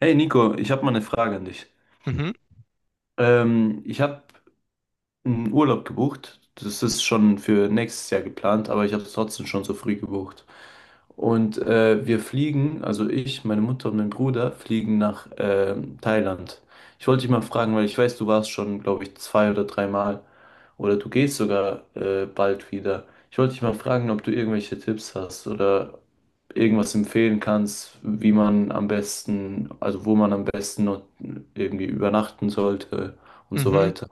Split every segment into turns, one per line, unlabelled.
Hey Nico, ich habe mal eine Frage an dich.
Mhm,
Ich habe einen Urlaub gebucht. Das ist schon für nächstes Jahr geplant, aber ich habe es trotzdem schon so früh gebucht. Und wir fliegen, also ich, meine Mutter und mein Bruder fliegen nach Thailand. Ich wollte dich mal fragen, weil ich weiß, du warst schon, glaube ich, zwei oder dreimal oder du gehst sogar bald wieder. Ich wollte dich mal fragen, ob du irgendwelche Tipps hast oder irgendwas empfehlen kannst, wie man am besten, also wo man am besten noch irgendwie übernachten sollte und so
mhm.
weiter.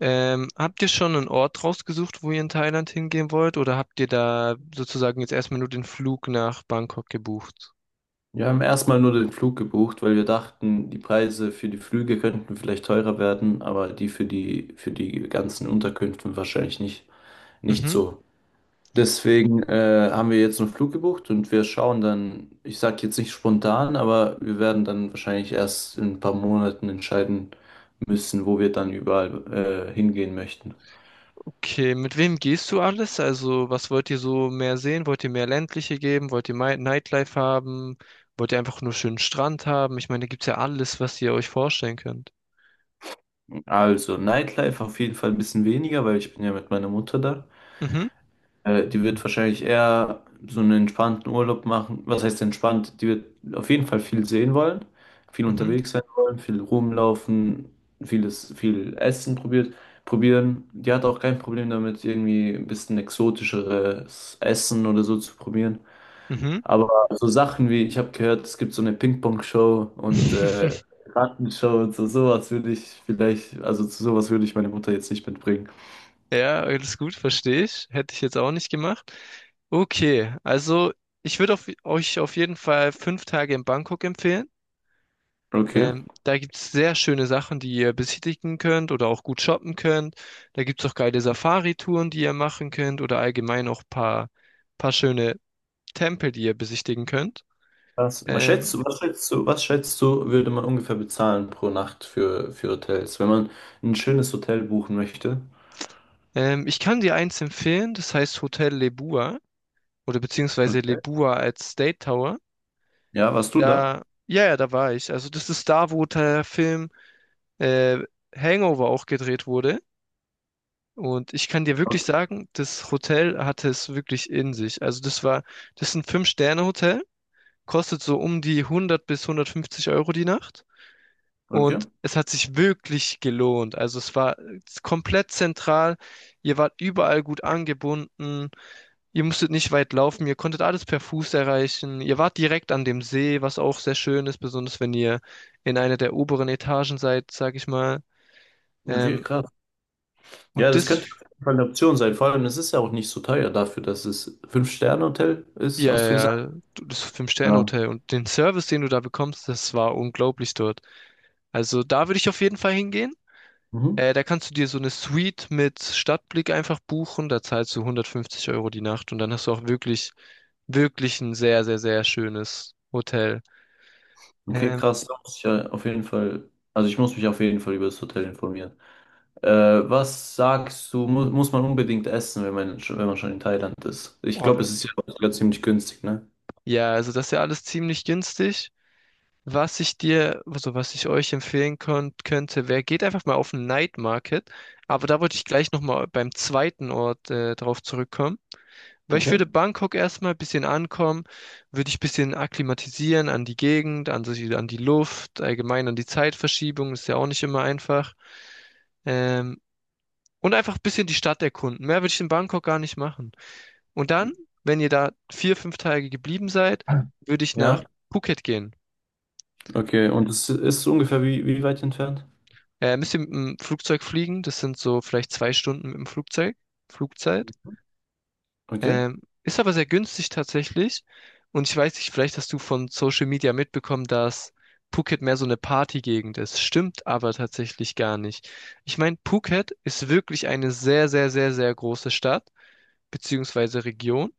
Habt ihr schon einen Ort rausgesucht, wo ihr in Thailand hingehen wollt, oder habt ihr da sozusagen jetzt erstmal nur den Flug nach Bangkok gebucht?
Wir haben erstmal nur den Flug gebucht, weil wir dachten, die Preise für die Flüge könnten vielleicht teurer werden, aber die für die ganzen Unterkünfte wahrscheinlich nicht
Mhm.
so. Deswegen haben wir jetzt einen Flug gebucht und wir schauen dann, ich sage jetzt nicht spontan, aber wir werden dann wahrscheinlich erst in ein paar Monaten entscheiden müssen, wo wir dann überall hingehen möchten.
Okay, mit wem gehst du alles? Also, was wollt ihr so mehr sehen? Wollt ihr mehr ländliche geben? Wollt ihr Nightlife haben? Wollt ihr einfach nur schönen Strand haben? Ich meine, da gibt's ja alles, was ihr euch vorstellen könnt.
Also, Nightlife auf jeden Fall ein bisschen weniger, weil ich bin ja mit meiner Mutter da.
Mhm,
Die wird wahrscheinlich eher so einen entspannten Urlaub machen. Was heißt entspannt? Die wird auf jeden Fall viel sehen wollen, viel
mhm,
unterwegs sein wollen, viel rumlaufen, viel Essen probieren. Die hat auch kein Problem damit, irgendwie ein bisschen exotischeres Essen oder so zu probieren.
mhm.
Aber so Sachen wie, ich habe gehört, es gibt so eine Ping-Pong-Show und Rattenshow und so, sowas würde ich vielleicht, also zu sowas würde ich meine Mutter jetzt nicht mitbringen.
Ja, alles gut, verstehe ich. Hätte ich jetzt auch nicht gemacht. Okay, also ich würde euch auf jeden Fall 5 Tage in Bangkok empfehlen.
Okay.
Da gibt es sehr schöne Sachen, die ihr besichtigen könnt oder auch gut shoppen könnt. Da gibt es auch geile Safari-Touren, die ihr machen könnt oder allgemein auch paar schöne Tempel, die ihr besichtigen könnt.
Was, was schätzt du,
Ähm,
was schätzt du, was schätzt du, würde man ungefähr bezahlen pro Nacht für Hotels, wenn man ein schönes Hotel buchen möchte?
Ich kann dir eins empfehlen, das heißt Hotel Lebua oder beziehungsweise
Okay.
Lebua als State Tower.
Ja, warst du da?
Ja, ja, da war ich. Also das ist da, wo der Film äh, Hangover auch gedreht wurde. Und ich kann dir wirklich
Okay.
sagen, das Hotel hatte es wirklich in sich. Also das ist ein Fünf-Sterne-Hotel, kostet so um die 100 bis 150 Euro die Nacht.
Okay,
Und es hat sich wirklich gelohnt. Also es war komplett zentral. Ihr wart überall gut angebunden. Ihr musstet nicht weit laufen, ihr konntet alles per Fuß erreichen. Ihr wart direkt an dem See, was auch sehr schön ist, besonders wenn ihr in einer der oberen Etagen seid, sag ich mal.
okay,
Ähm,
krass. Ja,
und
das
das,
könnte auf jeden Fall eine Option sein. Vor allem, es ist ja auch nicht so teuer dafür, dass es Fünf-Sterne-Hotel ist,
ja,
hast du gesagt?
ja, das
Genau.
Fünf-Sterne-Hotel und den Service, den du da bekommst, das war unglaublich dort. Also da würde ich auf jeden Fall hingehen.
Mhm.
Da kannst du dir so eine Suite mit Stadtblick einfach buchen. Da zahlst du 150 Euro die Nacht und dann hast du auch wirklich, wirklich ein sehr, sehr, sehr schönes Hotel.
Okay,
Ähm,
krass. Da muss ich ja auf jeden Fall, also ich muss mich auf jeden Fall über das Hotel informieren. Äh, was sagst du, mu muss man unbedingt essen, wenn man schon in Thailand ist? Ich glaube,
oh,
es ist ja auch sogar ziemlich günstig, ne?
ja, also das ist ja alles ziemlich günstig. Also was ich euch empfehlen könnte, wäre, geht einfach mal auf den Night Market. Aber da wollte ich gleich nochmal beim zweiten Ort drauf zurückkommen. Weil ich
Okay.
würde Bangkok erstmal ein bisschen ankommen, würde ich ein bisschen akklimatisieren an die Gegend, an die Luft, allgemein an die Zeitverschiebung, ist ja auch nicht immer einfach. Ähm, und einfach ein bisschen die Stadt erkunden. Mehr würde ich in Bangkok gar nicht machen. Und dann, wenn ihr da 4, 5 Tage geblieben seid, würde ich nach
Ja.
Phuket gehen.
Okay, und es ist ungefähr wie, wie weit entfernt?
Müsst ihr mit dem Flugzeug fliegen. Das sind so vielleicht 2 Stunden mit dem Flugzeug. Flugzeit.
Okay.
Ist aber sehr günstig tatsächlich. Und ich weiß nicht, vielleicht hast du von Social Media mitbekommen, dass Phuket mehr so eine Partygegend ist. Stimmt aber tatsächlich gar nicht. Ich meine, Phuket ist wirklich eine sehr, sehr, sehr, sehr große Stadt, beziehungsweise Region.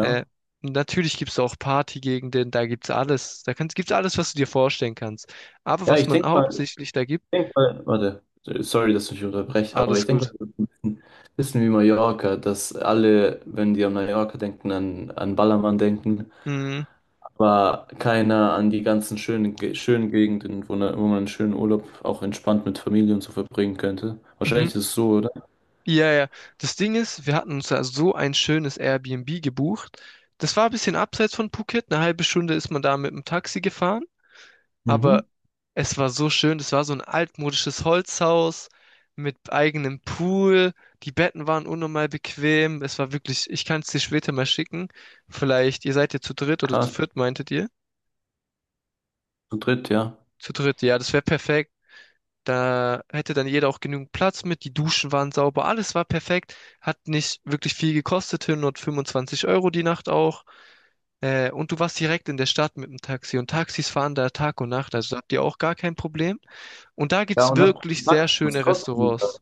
Äh, Natürlich gibt es auch Partygegenden, da gibt's alles. Gibt's alles, was du dir vorstellen kannst. Aber
Ja,
was
ich
man
denke mal, ich
hauptsächlich da gibt,
denk mal, warte, sorry, dass ich dich unterbreche, aber ich
alles
denke mal,
gut.
das ist ein bisschen wie Mallorca, dass alle, wenn die an Mallorca denken, an Ballermann denken.
Mm.
War keiner an die ganzen schönen Gegenden, wo man einen schönen Urlaub auch entspannt mit Familie und so verbringen könnte.
Mhm.
Wahrscheinlich ist es so, oder?
Ja, ja. Das Ding ist, wir hatten uns da so ein schönes Airbnb gebucht. Das war ein bisschen abseits von Phuket. Eine halbe Stunde ist man da mit dem Taxi gefahren,
Mhm.
aber es war so schön. Das war so ein altmodisches Holzhaus mit eigenem Pool. Die Betten waren unnormal bequem. Es war wirklich, ich kann es dir später mal schicken. Vielleicht, ihr seid ja zu dritt oder zu
Krass,
viert, meintet ihr?
zu dritt, ja.
Zu dritt, ja, das wäre perfekt. Da hätte dann jeder auch genügend Platz mit. Die Duschen waren sauber, alles war perfekt. Hat nicht wirklich viel gekostet, 125 Euro die Nacht auch. Und du warst direkt in der Stadt mit dem Taxi. Und Taxis fahren da Tag und Nacht, also da habt ihr auch gar kein Problem. Und da
Ja,
gibt's
und dann
wirklich sehr
Max, was
schöne
kostet die?
Restaurants.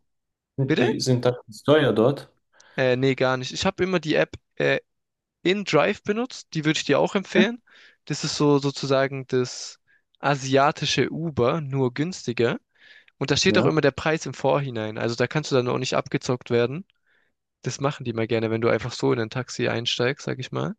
Sind
Bitte?
die sind da ganz teuer dort?
Nee, gar nicht. Ich habe immer die App InDrive benutzt. Die würde ich dir auch
Ja.
empfehlen. Das ist so sozusagen das asiatische Uber, nur günstiger. Und da steht auch
Ja,
immer der Preis im Vorhinein. Also da kannst du dann auch nicht abgezockt werden. Das machen die mal gerne, wenn du einfach so in ein Taxi einsteigst, sag ich mal.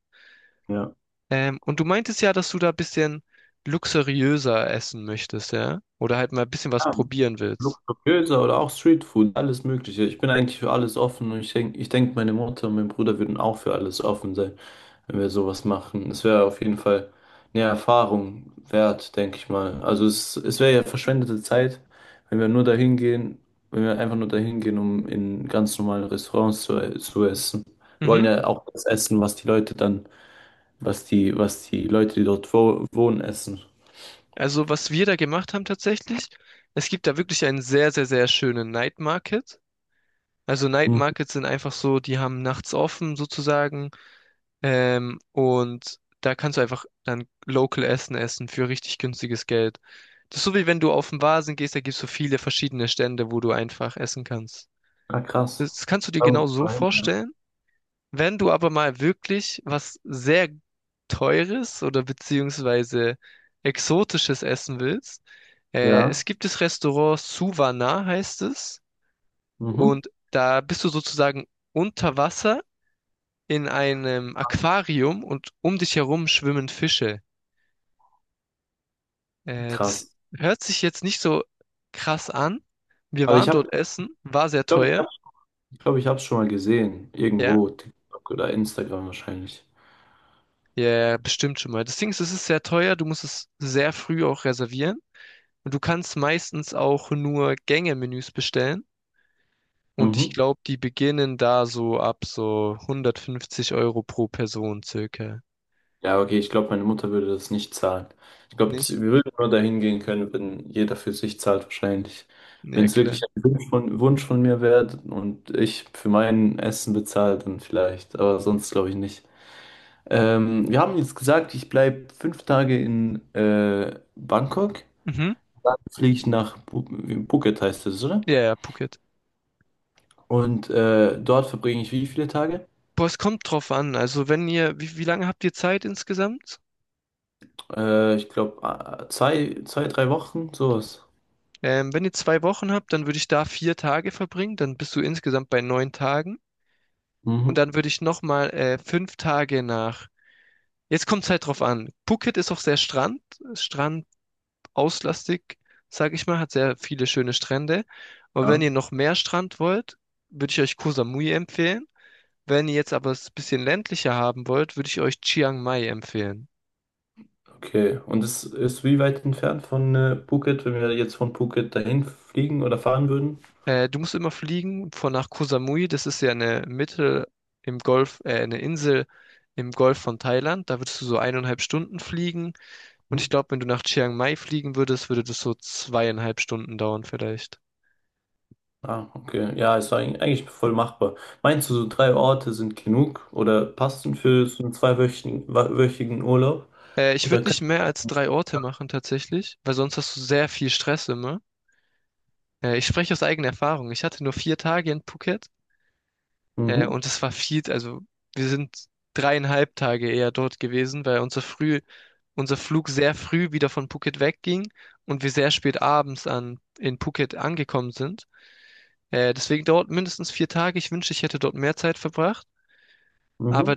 ja.
Und du meintest ja, dass du da ein bisschen luxuriöser essen möchtest, ja? Oder halt mal ein bisschen was
Ja,
probieren willst.
luxuriöser oder auch Streetfood, alles Mögliche. Ich bin eigentlich für alles offen und ich denk, meine Mutter und mein Bruder würden auch für alles offen sein. Wenn wir sowas machen. Es wäre auf jeden Fall eine Erfahrung wert, denke ich mal. Also es wäre ja verschwendete Zeit, wenn wir nur dahin gehen, wenn wir einfach nur dahin gehen, um in ganz normalen Restaurants zu essen. Wir wollen
Mhm.
ja auch das essen, was die Leute, die dort wohnen, essen.
Also was wir da gemacht haben tatsächlich, es gibt da wirklich einen sehr, sehr, sehr schönen Night Market. Also Night
Mhm.
Markets sind einfach so, die haben nachts offen sozusagen. Und da kannst du einfach dann local Essen essen für richtig günstiges Geld. Das ist so wie wenn du auf den Vasen gehst, da gibt es so viele verschiedene Stände, wo du einfach essen kannst.
Ah, krass.
Das kannst du dir
Da muss
genau
ich
so
mal hin, ja.
vorstellen. Wenn du aber mal wirklich was sehr Teures oder beziehungsweise Exotisches essen willst, es
Ja.
gibt das Restaurant Suvana, heißt es.
Mhm.
Und da bist du sozusagen unter Wasser in einem Aquarium und um dich herum schwimmen Fische. Das
Krass.
hört sich jetzt nicht so krass an. Wir
Aber
waren
ich habe,
dort essen, war sehr
ich glaube, ich
teuer.
habe, ich glaube, ich habe es schon mal gesehen.
Ja,
Irgendwo, TikTok oder Instagram wahrscheinlich.
ja, bestimmt schon mal. Das Ding ist, es ist sehr teuer, du musst es sehr früh auch reservieren. Und du kannst meistens auch nur Gänge-Menüs bestellen. Und ich
Mhm.
glaube, die beginnen da so ab so 150 Euro pro Person circa.
Ja, okay, ich glaube, meine Mutter würde das nicht zahlen. Ich glaube,
Nicht?
wir würden nur dahin gehen können, wenn jeder für sich zahlt, wahrscheinlich. Wenn
Ja,
es wirklich
klar.
ein Wunsch von mir wäre und ich für mein Essen bezahle, dann vielleicht. Aber sonst glaube ich nicht. Wir haben jetzt gesagt, ich bleibe 5 Tage in Bangkok.
Mhm.
Dann fliege ich nach Bu Phuket, heißt es, oder?
Ja, ja, Phuket.
Und dort verbringe ich wie viele Tage?
Boah, es kommt drauf an. Also wenn ihr, wie lange habt ihr Zeit insgesamt?
Ich glaube, zwei, 3 Wochen, sowas.
Wenn ihr 2 Wochen habt, dann würde ich da 4 Tage verbringen. Dann bist du insgesamt bei 9 Tagen. Und
Mhm.
dann würde ich nochmal 5 Tage nach. Jetzt kommt es halt drauf an. Phuket ist auch sehr strandauslastig, sag ich mal, hat sehr viele schöne Strände. Aber
Ja.
wenn ihr noch mehr Strand wollt, würde ich euch Koh Samui empfehlen. Wenn ihr jetzt aber es ein bisschen ländlicher haben wollt, würde ich euch Chiang Mai empfehlen.
Okay, und es ist wie weit entfernt von Phuket, wenn wir jetzt von Phuket dahin fliegen oder fahren würden?
Du musst immer fliegen von nach Koh Samui. Das ist ja eine Mitte im Golf, eine Insel im Golf von Thailand. Da würdest du so 1,5 Stunden fliegen. Und ich
Mhm.
glaube, wenn du nach Chiang Mai fliegen würdest, würde das so 2,5 Stunden dauern vielleicht.
Ah, okay. Ja, ist eigentlich voll machbar. Meinst du, so drei Orte sind genug oder passen für so einen zweiwöchigen wa- wöchigen Urlaub?
Ich
Oder
würde nicht
können...
mehr als drei Orte machen tatsächlich, weil sonst hast du sehr viel Stress immer. Ich spreche aus eigener Erfahrung. Ich hatte nur 4 Tage in Phuket.
Mhm.
Und es war viel, also wir sind 3,5 Tage eher dort gewesen, weil unser Flug sehr früh wieder von Phuket wegging und wir sehr spät abends in Phuket angekommen sind. Deswegen dauert mindestens 4 Tage. Ich wünschte, ich hätte dort mehr Zeit verbracht. Aber
Mhm.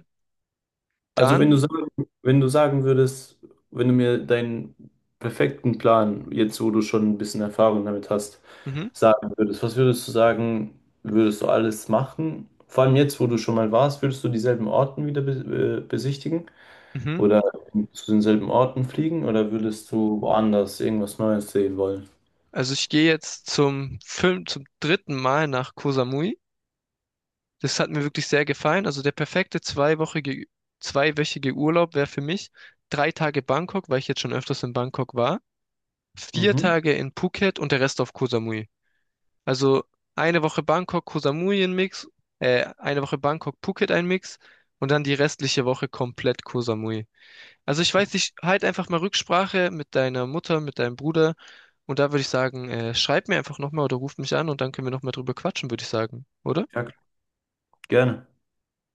Also wenn du
dann,
sagen, wenn du sagen würdest, wenn du mir deinen perfekten Plan, jetzt wo du schon ein bisschen Erfahrung damit hast,
mhm,
sagen würdest, was würdest du sagen, würdest du alles machen? Vor allem jetzt, wo du schon mal warst, würdest du dieselben Orten wieder be besichtigen
mhm.
oder zu denselben Orten fliegen oder würdest du woanders irgendwas Neues sehen wollen?
Also ich gehe jetzt zum dritten Mal nach Koh Samui. Das hat mir wirklich sehr gefallen. Also der perfekte zweiwöchige Urlaub wäre für mich 3 Tage Bangkok, weil ich jetzt schon öfters in Bangkok war. vier
Mhm.
Tage in Phuket und der Rest auf Koh Samui. Also eine Woche Bangkok, Koh Samui ein Mix, eine Woche Bangkok, Phuket ein Mix und dann die restliche Woche komplett Koh Samui. Also ich weiß nicht, halt einfach mal Rücksprache mit deiner Mutter, mit deinem Bruder und da würde ich sagen, schreib mir einfach nochmal oder ruf mich an und dann können wir nochmal drüber quatschen, würde ich sagen, oder?
Ja, klar. Gerne.